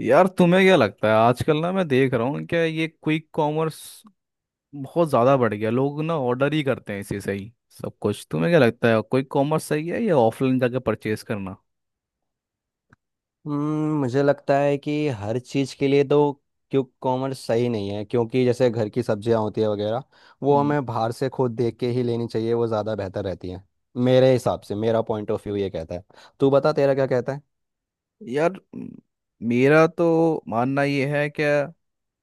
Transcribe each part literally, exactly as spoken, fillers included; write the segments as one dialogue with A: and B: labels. A: यार तुम्हें क्या लगता है, आजकल ना मैं देख रहा हूँ क्या, ये क्विक कॉमर्स बहुत ज़्यादा बढ़ गया। लोग ना ऑर्डर ही करते हैं इसी से ही सब कुछ। तुम्हें क्या लगता है, क्विक कॉमर्स सही है या ऑफलाइन जाके परचेज करना।
B: हम्म, मुझे लगता है कि हर चीज़ के लिए तो क्यों कॉमर्स सही नहीं है क्योंकि जैसे घर की सब्जियां होती है वगैरह वो
A: हम्म।
B: हमें बाहर से खुद देख के ही लेनी चाहिए। वो ज़्यादा बेहतर रहती है। मेरे हिसाब से मेरा पॉइंट ऑफ व्यू ये कहता है। तू बता तेरा क्या कहता है।
A: यार म- मेरा तो मानना ये है क्या,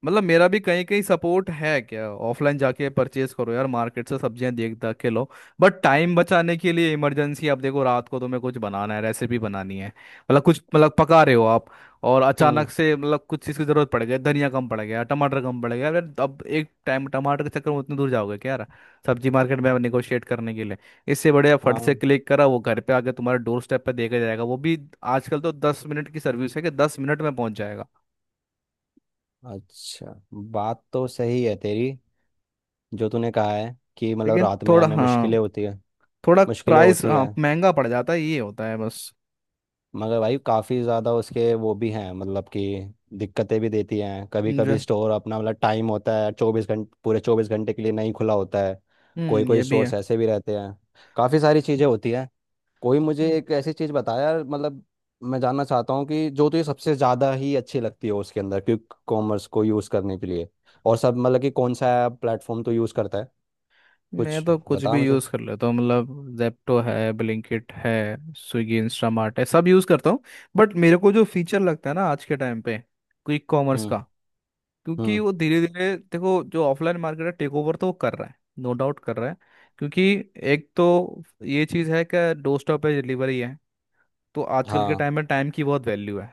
A: मतलब मेरा भी कहीं कहीं सपोर्ट है क्या, ऑफलाइन जाके परचेज करो। यार मार्केट से सब्जियां देख दाख के लो। बट टाइम बचाने के लिए, इमरजेंसी, आप देखो रात को तुम्हें कुछ बनाना है, रेसिपी बनानी है, मतलब कुछ मतलब पका रहे हो आप, और
B: हम्म।
A: अचानक से मतलब कुछ चीज़ की जरूरत पड़ गई, धनिया कम पड़ गया, टमाटर कम पड़ गया। यार अब एक टाइम टमाटर के चक्कर में उतनी दूर जाओगे क्या यार, सब्जी मार्केट में निगोशिएट करने के लिए। इससे बढ़िया फट से
B: हाँ।
A: क्लिक करा, वो घर पे आके तुम्हारे डोर स्टेप पे देखा जाएगा वो भी। आजकल तो दस मिनट की सर्विस है कि दस मिनट में पहुंच जाएगा।
B: अच्छा। बात तो सही है तेरी। जो तूने कहा है कि मतलब
A: लेकिन
B: रात में
A: थोड़ा,
B: हमें
A: हाँ,
B: मुश्किलें होती है।
A: थोड़ा
B: मुश्किलें
A: प्राइस,
B: होती
A: हाँ,
B: है
A: महंगा पड़ जाता है, ये होता है बस।
B: मगर भाई काफ़ी ज़्यादा उसके वो भी हैं मतलब कि दिक्कतें भी देती हैं। कभी
A: जो,
B: कभी स्टोर अपना मतलब टाइम होता है चौबीस घंटे पूरे चौबीस घंटे के लिए नहीं खुला होता है। कोई
A: हम्म,
B: कोई
A: ये भी है।
B: स्टोर्स ऐसे भी रहते हैं। काफ़ी सारी चीज़ें होती हैं। कोई मुझे एक ऐसी चीज़ बताया मतलब मैं जानना चाहता हूँ कि जो तुझे सबसे ज़्यादा ही अच्छी लगती हो उसके अंदर क्विक कॉमर्स को यूज़ करने के लिए। और सब मतलब कि कौन सा प्लेटफॉर्म तो यूज़ करता है
A: मैं
B: कुछ।
A: तो कुछ
B: बता
A: भी
B: मुझे।
A: यूज़ कर लेता हूँ, मतलब जेप्टो है, ब्लिंकिट है, स्विगी इंस्टामार्ट है, सब यूज़ करता हूँ। बट मेरे को जो फीचर लगता है ना आज के टाइम पे क्विक कॉमर्स
B: हम्म।
A: का, क्योंकि
B: हम्म।
A: वो धीरे धीरे देखो जो ऑफलाइन मार्केट है, टेक ओवर तो वो कर रहा है। नो डाउट कर रहा है। क्योंकि एक तो ये चीज़ है कि डोर स्टॉप पे डिलीवरी है, तो आजकल के
B: हाँ।
A: टाइम में टाइम की बहुत वैल्यू है।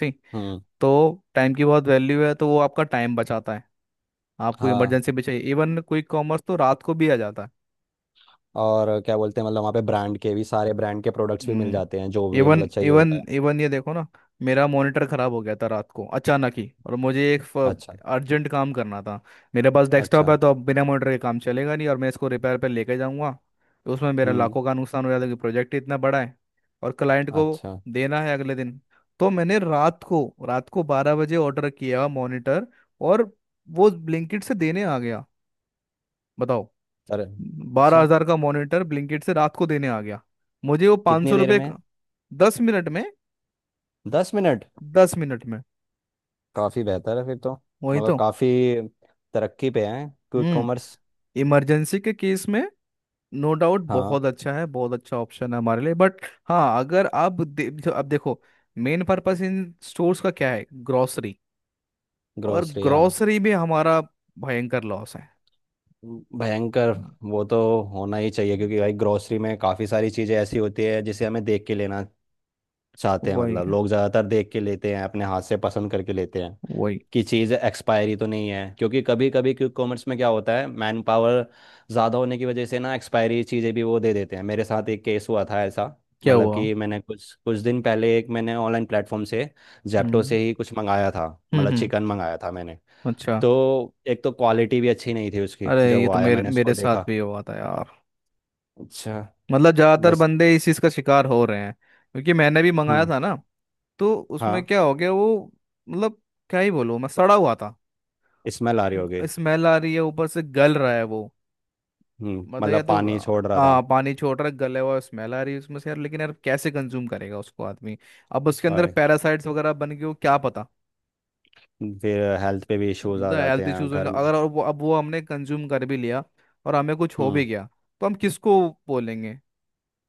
A: सही।
B: हम्म।
A: तो टाइम की बहुत वैल्यू है, तो वो आपका टाइम बचाता है। आपको
B: हाँ।
A: इमरजेंसी भी चाहिए, इवन कोई कॉमर्स तो रात को भी आ जाता है।
B: और क्या बोलते हैं मतलब वहाँ पे ब्रांड के भी सारे ब्रांड के प्रोडक्ट्स भी मिल
A: हम्म।
B: जाते हैं जो भी
A: इवन
B: मतलब चाहिए
A: इवन
B: होता है।
A: इवन ये देखो ना, मेरा मॉनिटर खराब हो गया था रात को अचानक ही, और मुझे एक
B: अच्छा।
A: अर्जेंट काम करना था। मेरे पास डेस्कटॉप है,
B: अच्छा।
A: तो अब बिना मॉनिटर के काम चलेगा नहीं, और मैं इसको रिपेयर पे लेके जाऊंगा तो उसमें मेरा
B: हम्म।
A: लाखों का नुकसान हो जाता है, कि प्रोजेक्ट इतना बड़ा है और क्लाइंट को
B: अच्छा।
A: देना है अगले दिन। तो मैंने रात को रात को बारह बजे ऑर्डर किया मॉनिटर, और वो ब्लिंकिट से देने आ गया। बताओ,
B: अरे।
A: बारह
B: अच्छा।
A: हजार का मॉनिटर ब्लिंकिट से रात को देने आ गया। मुझे वो पाँच
B: कितनी
A: सौ
B: देर
A: रुपये
B: में?
A: दस मिनट में।
B: दस मिनट?
A: दस मिनट में।
B: काफ़ी बेहतर है फिर तो।
A: वही
B: मतलब
A: तो।
B: काफ़ी तरक्की पे है क्विक
A: हम्म।
B: कॉमर्स।
A: इमरजेंसी के केस में नो डाउट
B: हाँ।
A: बहुत अच्छा है, बहुत अच्छा ऑप्शन है हमारे लिए, बट, हाँ, अगर आप दे, अब देखो, मेन पर्पस इन स्टोर्स का क्या है, ग्रोसरी। और
B: ग्रोसरी। हाँ।
A: ग्रोसरी भी हमारा भयंकर लॉस है।
B: भयंकर।
A: हाँ।
B: वो तो होना ही चाहिए क्योंकि भाई ग्रोसरी में काफ़ी सारी चीज़ें ऐसी होती है जिसे हमें देख के लेना चाहते हैं
A: वही
B: मतलब लोग ज़्यादातर देख के लेते हैं अपने हाथ से पसंद करके लेते हैं
A: वही।
B: कि चीज़ एक्सपायरी तो नहीं है क्योंकि कभी कभी क्विक कॉमर्स में क्या होता है मैन पावर ज़्यादा होने की वजह से ना एक्सपायरी चीज़ें भी वो दे देते हैं। मेरे साथ एक केस हुआ था ऐसा।
A: क्या
B: मतलब
A: हुआ।
B: कि मैंने कुछ कुछ दिन पहले एक मैंने ऑनलाइन प्लेटफॉर्म से जेप्टो
A: हम्म,
B: से ही कुछ मंगाया था।
A: हम्म,
B: मतलब
A: हम्म।
B: चिकन मंगाया था मैंने।
A: अच्छा।
B: तो एक तो क्वालिटी भी अच्छी नहीं थी उसकी
A: अरे
B: जब
A: ये
B: वो
A: तो
B: आया
A: मेरे
B: मैंने उसको
A: मेरे साथ
B: देखा।
A: भी हुआ था यार।
B: अच्छा।
A: मतलब ज्यादातर
B: बस।
A: बंदे इस चीज का शिकार हो रहे हैं, क्योंकि मैंने भी मंगाया
B: हम्म।
A: था ना। तो उसमें
B: हाँ।
A: क्या हो गया वो, मतलब क्या ही बोलूं मैं, सड़ा हुआ था।
B: स्मेल आ रही होगी।
A: स्मेल आ रही है, ऊपर से गल रहा है वो,
B: हम्म
A: मतलब या
B: मतलब
A: तो
B: पानी छोड़ रहा
A: आ,
B: था।
A: पानी छोड़ रहा है, गले हुआ, स्मेल आ रही है उसमें से। यार लेकिन यार कैसे कंज्यूम करेगा उसको आदमी। अब उसके अंदर
B: और
A: पैरासाइट्स वगैरह बन गए हो, क्या पता।
B: फिर हेल्थ पे भी इश्यूज आ
A: तो
B: जाते
A: हेल्थ
B: हैं
A: इश्यूज होंगे
B: घर में।
A: अगर, अब वो, अब वो हमने कंज्यूम कर भी लिया और हमें कुछ हो भी
B: हम्म।
A: गया, तो हम किसको बोलेंगे।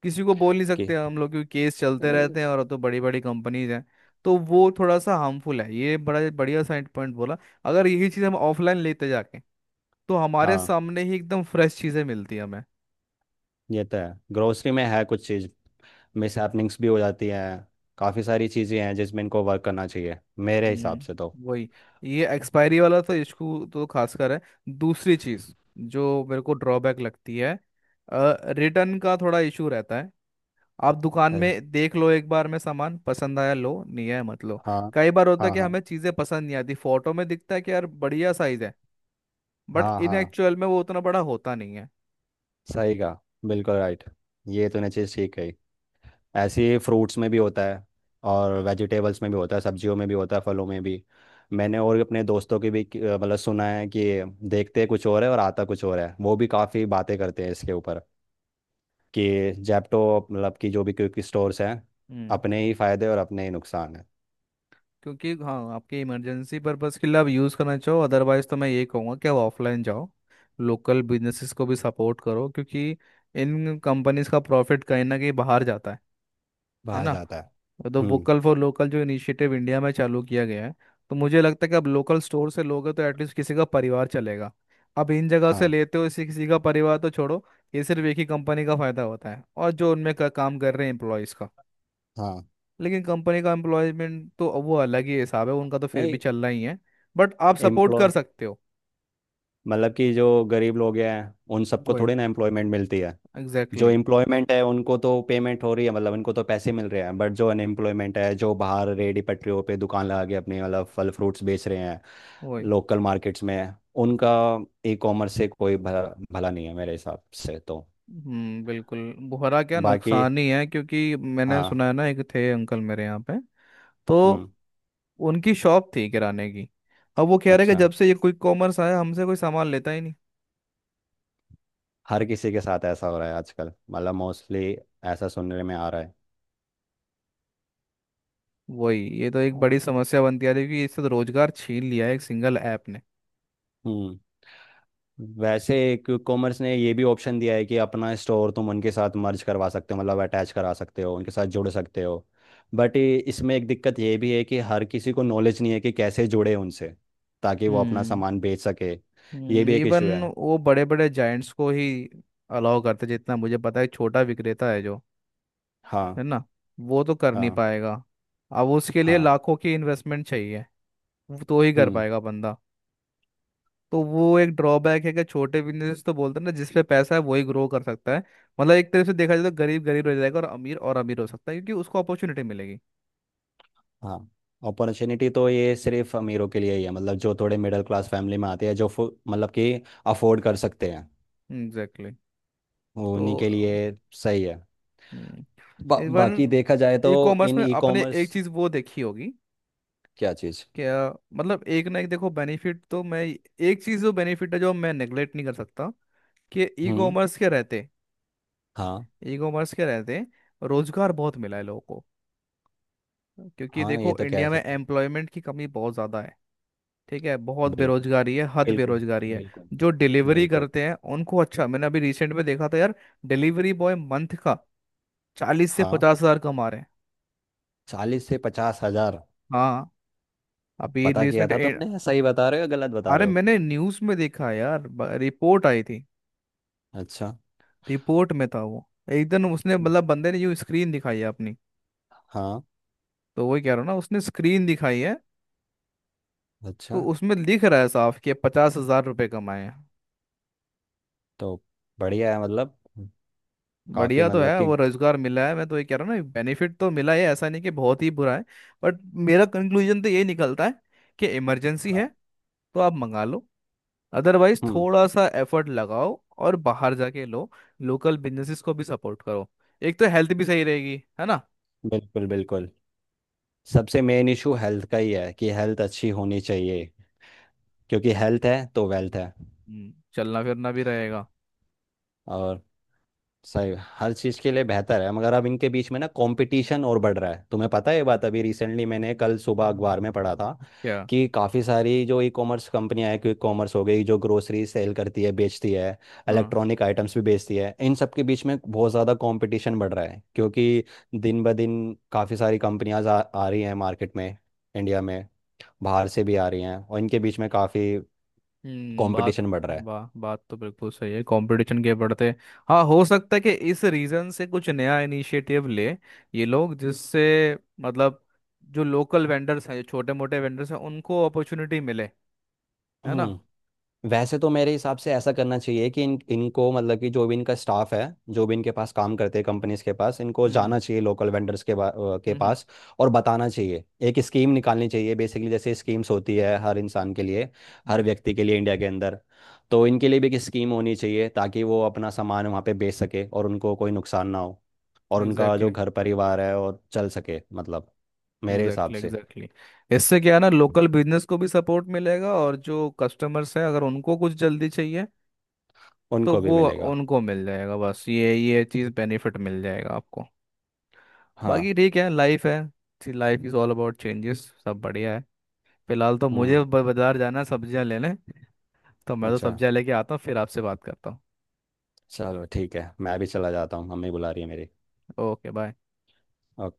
A: किसी को बोल नहीं
B: कि
A: सकते हम लोग, क्योंकि केस चलते
B: नहीं।
A: रहते हैं और तो बड़ी बड़ी कंपनीज हैं। तो वो थोड़ा सा हार्मफुल है। ये बड़ा बढ़िया साइड पॉइंट बोला। अगर यही चीज़ हम ऑफलाइन लेते जाके, तो हमारे
B: हाँ।
A: सामने ही एकदम फ्रेश चीज़ें मिलती हैं हमें।
B: ये तो है। ग्रोसरी में है कुछ चीज़ मिस हैपनिंग्स भी हो जाती हैं। काफ़ी सारी चीज़ें हैं जिसमें इनको वर्क करना चाहिए मेरे हिसाब से तो।
A: हम्म, वही, ये एक्सपायरी वाला तो इशू तो खासकर है। दूसरी चीज़ जो मेरे को ड्रॉबैक लगती है, रिटर्न का थोड़ा इशू रहता है। आप दुकान
B: पर
A: में देख लो, एक बार में सामान पसंद आया लो, नहीं आया मत लो।
B: हाँ।
A: कई बार होता है
B: हाँ।
A: कि
B: हाँ।
A: हमें चीज़ें पसंद नहीं आती, फोटो में दिखता है कि यार बढ़िया साइज है, बट
B: हाँ।
A: इन
B: हाँ।
A: एक्चुअल में वो उतना बड़ा होता नहीं है।
B: सही कहा। बिल्कुल राइट। ये तूने चीज़ ठीक कही। ऐसे ही फ्रूट्स में भी होता है और वेजिटेबल्स में भी होता है सब्जियों में भी होता है फलों में भी। मैंने और अपने दोस्तों की भी कि- मतलब सुना है कि देखते कुछ और है और आता कुछ और है वो भी काफ़ी बातें करते हैं इसके ऊपर कि जैप्टो मतलब कि जो भी क्विक स्टोर्स हैं
A: हम्म।
B: अपने ही फायदे और अपने ही नुकसान है।
A: क्योंकि, हाँ, आपके इमरजेंसी पर्पज़ के लिए आप यूज़ करना चाहो, अदरवाइज तो मैं ये कहूँगा कि आप ऑफलाइन जाओ, लोकल बिजनेसेस को भी सपोर्ट करो, क्योंकि इन कंपनीज का प्रॉफिट कहीं ना कहीं बाहर जाता है है
B: बाहर
A: ना।
B: जाता है।
A: तो
B: हम्म।
A: वोकल फॉर लोकल जो इनिशिएटिव इंडिया में चालू किया गया है, तो मुझे लगता है कि अब लोकल स्टोर से लोगे तो एटलीस्ट किसी का परिवार चलेगा। अब इन जगह से
B: हाँ।
A: लेते हो इसी, किसी का परिवार तो छोड़ो, ये सिर्फ एक ही कंपनी का फायदा होता है, और जो उनमें का, काम कर रहे हैं एम्प्लॉयज़ का।
B: हाँ।
A: लेकिन कंपनी का एम्प्लॉयमेंट तो वो अलग ही हिसाब है, उनका तो फिर भी
B: नहीं।
A: चलना ही है। बट आप सपोर्ट
B: एम्प्लॉय।
A: कर सकते हो।
B: मतलब कि जो गरीब लोग हैं उन सबको
A: वही,
B: थोड़ी ना एम्प्लॉयमेंट मिलती है।
A: एग्जैक्टली,
B: जो
A: exactly,
B: एम्प्लॉयमेंट है उनको तो पेमेंट हो रही है मतलब उनको तो पैसे मिल रहे हैं बट जो अनएम्प्लॉयमेंट है जो बाहर रेडी पटरियों पे दुकान लगा के अपने मतलब फल फ्रूट्स बेच रहे हैं
A: वही।
B: लोकल मार्केट्स में उनका ई कॉमर्स से कोई भला भला नहीं है मेरे हिसाब से तो।
A: हम्म, बिल्कुल। बुहरा क्या,
B: बाकी।
A: नुकसान ही है, क्योंकि मैंने
B: हाँ।
A: सुना है ना, एक थे अंकल मेरे यहाँ पे, तो
B: हम्म।
A: उनकी शॉप थी किराने की। अब वो कह रहे कि
B: अच्छा।
A: जब से ये क्विक कॉमर्स आया, हमसे कोई सामान लेता ही नहीं।
B: हर किसी के साथ ऐसा हो रहा है आजकल मतलब मोस्टली ऐसा सुनने में आ रहा है।
A: वही, ये तो एक
B: हाँ।
A: बड़ी समस्या बनती आ रही है कि इससे तो रोजगार छीन लिया है एक सिंगल ऐप ने।
B: हम्म। वैसे क्विक कॉमर्स ने ये भी ऑप्शन दिया है कि अपना स्टोर तुम उनके साथ मर्ज करवा सकते हो मतलब अटैच करा सकते हो उनके साथ जुड़ सकते हो बट इसमें एक दिक्कत ये भी है कि हर किसी को नॉलेज नहीं है कि कैसे जुड़े उनसे ताकि वो अपना
A: हम्म।
B: सामान बेच सके। ये भी एक
A: इवन
B: इशू है।
A: वो बड़े बड़े जायंट्स को ही अलाउ करते जितना मुझे पता है, छोटा विक्रेता है जो, है
B: हाँ।
A: ना, वो तो कर नहीं
B: हाँ।
A: पाएगा। अब उसके लिए
B: हाँ।
A: लाखों की इन्वेस्टमेंट चाहिए। वो तो ही कर
B: हम्म।
A: पाएगा बंदा। तो वो एक ड्रॉबैक है कि छोटे बिजनेस, तो बोलते हैं ना, जिसपे पैसा है वही ग्रो कर सकता है। मतलब एक तरह से देखा जाए तो गरीब गरीब रह जाएगा और अमीर और अमीर हो सकता है, क्योंकि उसको अपॉर्चुनिटी मिलेगी।
B: हाँ। अपॉर्चुनिटी तो ये सिर्फ अमीरों के लिए ही है मतलब जो थोड़े मिडिल क्लास फैमिली में आते हैं जो फु- मतलब कि अफोर्ड कर सकते हैं।
A: Exactly, exactly।
B: वो उन्हीं के लिए।
A: तो,
B: सही है।
A: हम्म।
B: बा, बाकी
A: इवन
B: देखा जाए तो।
A: ई कॉमर्स
B: इन
A: में
B: ई
A: आपने
B: कॉमर्स?
A: एक चीज़ वो देखी होगी।
B: क्या चीज़?
A: क्या, मतलब एक ना एक, देखो, बेनिफिट तो, मैं एक चीज़ जो बेनिफिट है जो मैं नेग्लेक्ट नहीं कर सकता, कि ई
B: हम्म।
A: कॉमर्स के रहते,
B: हाँ।
A: ई कॉमर्स के रहते रोजगार बहुत मिला है लोगों को। क्योंकि
B: हाँ। ये
A: देखो
B: तो कह
A: इंडिया में
B: सकता है।
A: एम्प्लॉयमेंट की कमी बहुत ज़्यादा है। ठीक है, बहुत
B: बिल्कुल।
A: बेरोजगारी है, हद
B: बिल्कुल।
A: बेरोजगारी है।
B: बिल्कुल।
A: जो डिलीवरी
B: बिल्कुल।
A: करते हैं उनको, अच्छा, मैंने अभी रिसेंट में देखा था यार, डिलीवरी बॉय मंथ का चालीस से
B: हाँ।
A: पचास हजार कमा रहे हैं।
B: चालीस से पचास हजार?
A: हाँ, अभी
B: पता किया
A: रिसेंट।
B: था तुमने सही बता रहे हो या गलत बता
A: अरे
B: रहे हो?
A: मैंने न्यूज में देखा है यार, ब- रिपोर्ट आई थी,
B: अच्छा।
A: रिपोर्ट में था वो। एकदम उसने,
B: हम्म।
A: मतलब बंदे ने यूं स्क्रीन दिखाई है अपनी।
B: हाँ।
A: तो वही कह रहा हूँ ना, उसने स्क्रीन दिखाई है,
B: अच्छा।
A: तो उसमें लिख रहा है साफ कि पचास हजार रुपये कमाए हैं।
B: तो बढ़िया है मतलब। काफी
A: बढ़िया तो
B: मतलब
A: है,
B: कि।
A: वो रोजगार मिला है, मैं तो ये कह रहा हूँ ना, बेनिफिट तो मिला है, ऐसा नहीं कि बहुत ही बुरा है। बट मेरा कंक्लूजन तो ये निकलता है कि इमरजेंसी है
B: हाँ।
A: तो आप मंगा लो, अदरवाइज
B: हम्म।
A: थोड़ा सा एफर्ट लगाओ और बाहर जाके लो, लोकल बिजनेसेस को भी सपोर्ट करो। एक तो हेल्थ भी सही रहेगी, है ना।
B: बिल्कुल बिल्कुल। सबसे मेन इशू हेल्थ का ही है कि हेल्थ अच्छी होनी चाहिए क्योंकि हेल्थ है तो वेल्थ है।
A: हम्म, चलना फिरना भी रहेगा।
B: और सही। हर चीज़ के लिए बेहतर है मगर अब इनके बीच में ना कंपटीशन और बढ़ रहा है तुम्हें पता है? ये बात अभी रिसेंटली मैंने कल सुबह अखबार में पढ़ा था
A: क्या।
B: कि काफ़ी सारी जो ई कॉमर्स कंपनियां हैं क्विक कॉमर्स हो गई जो ग्रोसरी सेल करती है बेचती है
A: हाँ।
B: इलेक्ट्रॉनिक आइटम्स भी बेचती है। इन सब के बीच में बहुत ज़्यादा कंपटीशन बढ़ रहा है क्योंकि दिन ब दिन काफ़ी सारी कंपनियां आ, आ रही हैं मार्केट में इंडिया में बाहर से भी आ रही हैं और इनके बीच में काफ़ी
A: हम्म। बात,
B: कंपटीशन बढ़ रहा है।
A: वाह, बात तो बिल्कुल सही है। कंपटीशन के बढ़ते, हाँ, हो सकता है कि इस रीजन से कुछ नया इनिशिएटिव ले ये लोग, जिससे, मतलब जो लोकल वेंडर्स हैं, जो छोटे मोटे वेंडर्स हैं, उनको अपॉर्चुनिटी मिले, है ना।
B: हम्म, वैसे तो मेरे हिसाब से ऐसा करना चाहिए कि इन इनको मतलब कि जो भी इनका स्टाफ है जो भी इनके पास काम करते हैं कंपनीज के पास इनको
A: हम्म,
B: जाना चाहिए लोकल वेंडर्स के बा- अ, के
A: हम्म।
B: पास और बताना चाहिए। एक स्कीम निकालनी चाहिए बेसिकली जैसे स्कीम्स होती है हर इंसान के लिए हर व्यक्ति के लिए इंडिया के अंदर। तो इनके लिए भी एक स्कीम होनी चाहिए ताकि वो अपना सामान वहाँ पे बेच सके और उनको कोई नुकसान ना हो। और उनका जो
A: एग्जैक्टली,
B: घर परिवार है और चल सके मतलब मेरे हिसाब
A: एग्जैक्टली,
B: से।
A: एग्जैक्टली, इससे क्या है ना, लोकल बिजनेस को भी सपोर्ट मिलेगा, और जो कस्टमर्स हैं अगर उनको कुछ जल्दी चाहिए तो
B: उनको भी
A: वो
B: मिलेगा।
A: उनको मिल जाएगा। बस ये ये चीज़ बेनिफिट मिल जाएगा आपको, बाकी
B: हाँ।
A: ठीक है। लाइफ है, life is all about changes. सब बढ़िया है। फिलहाल तो मुझे
B: हाँ।
A: ब- बाजार जाना है सब्जियां लेने, तो मैं तो
B: अच्छा।
A: सब्जियां लेके आता हूँ, फिर आपसे बात करता हूँ।
B: चलो ठीक है मैं भी चला जाता हूँ मम्मी बुला रही है मेरी।
A: Okay, bye.
B: ओके।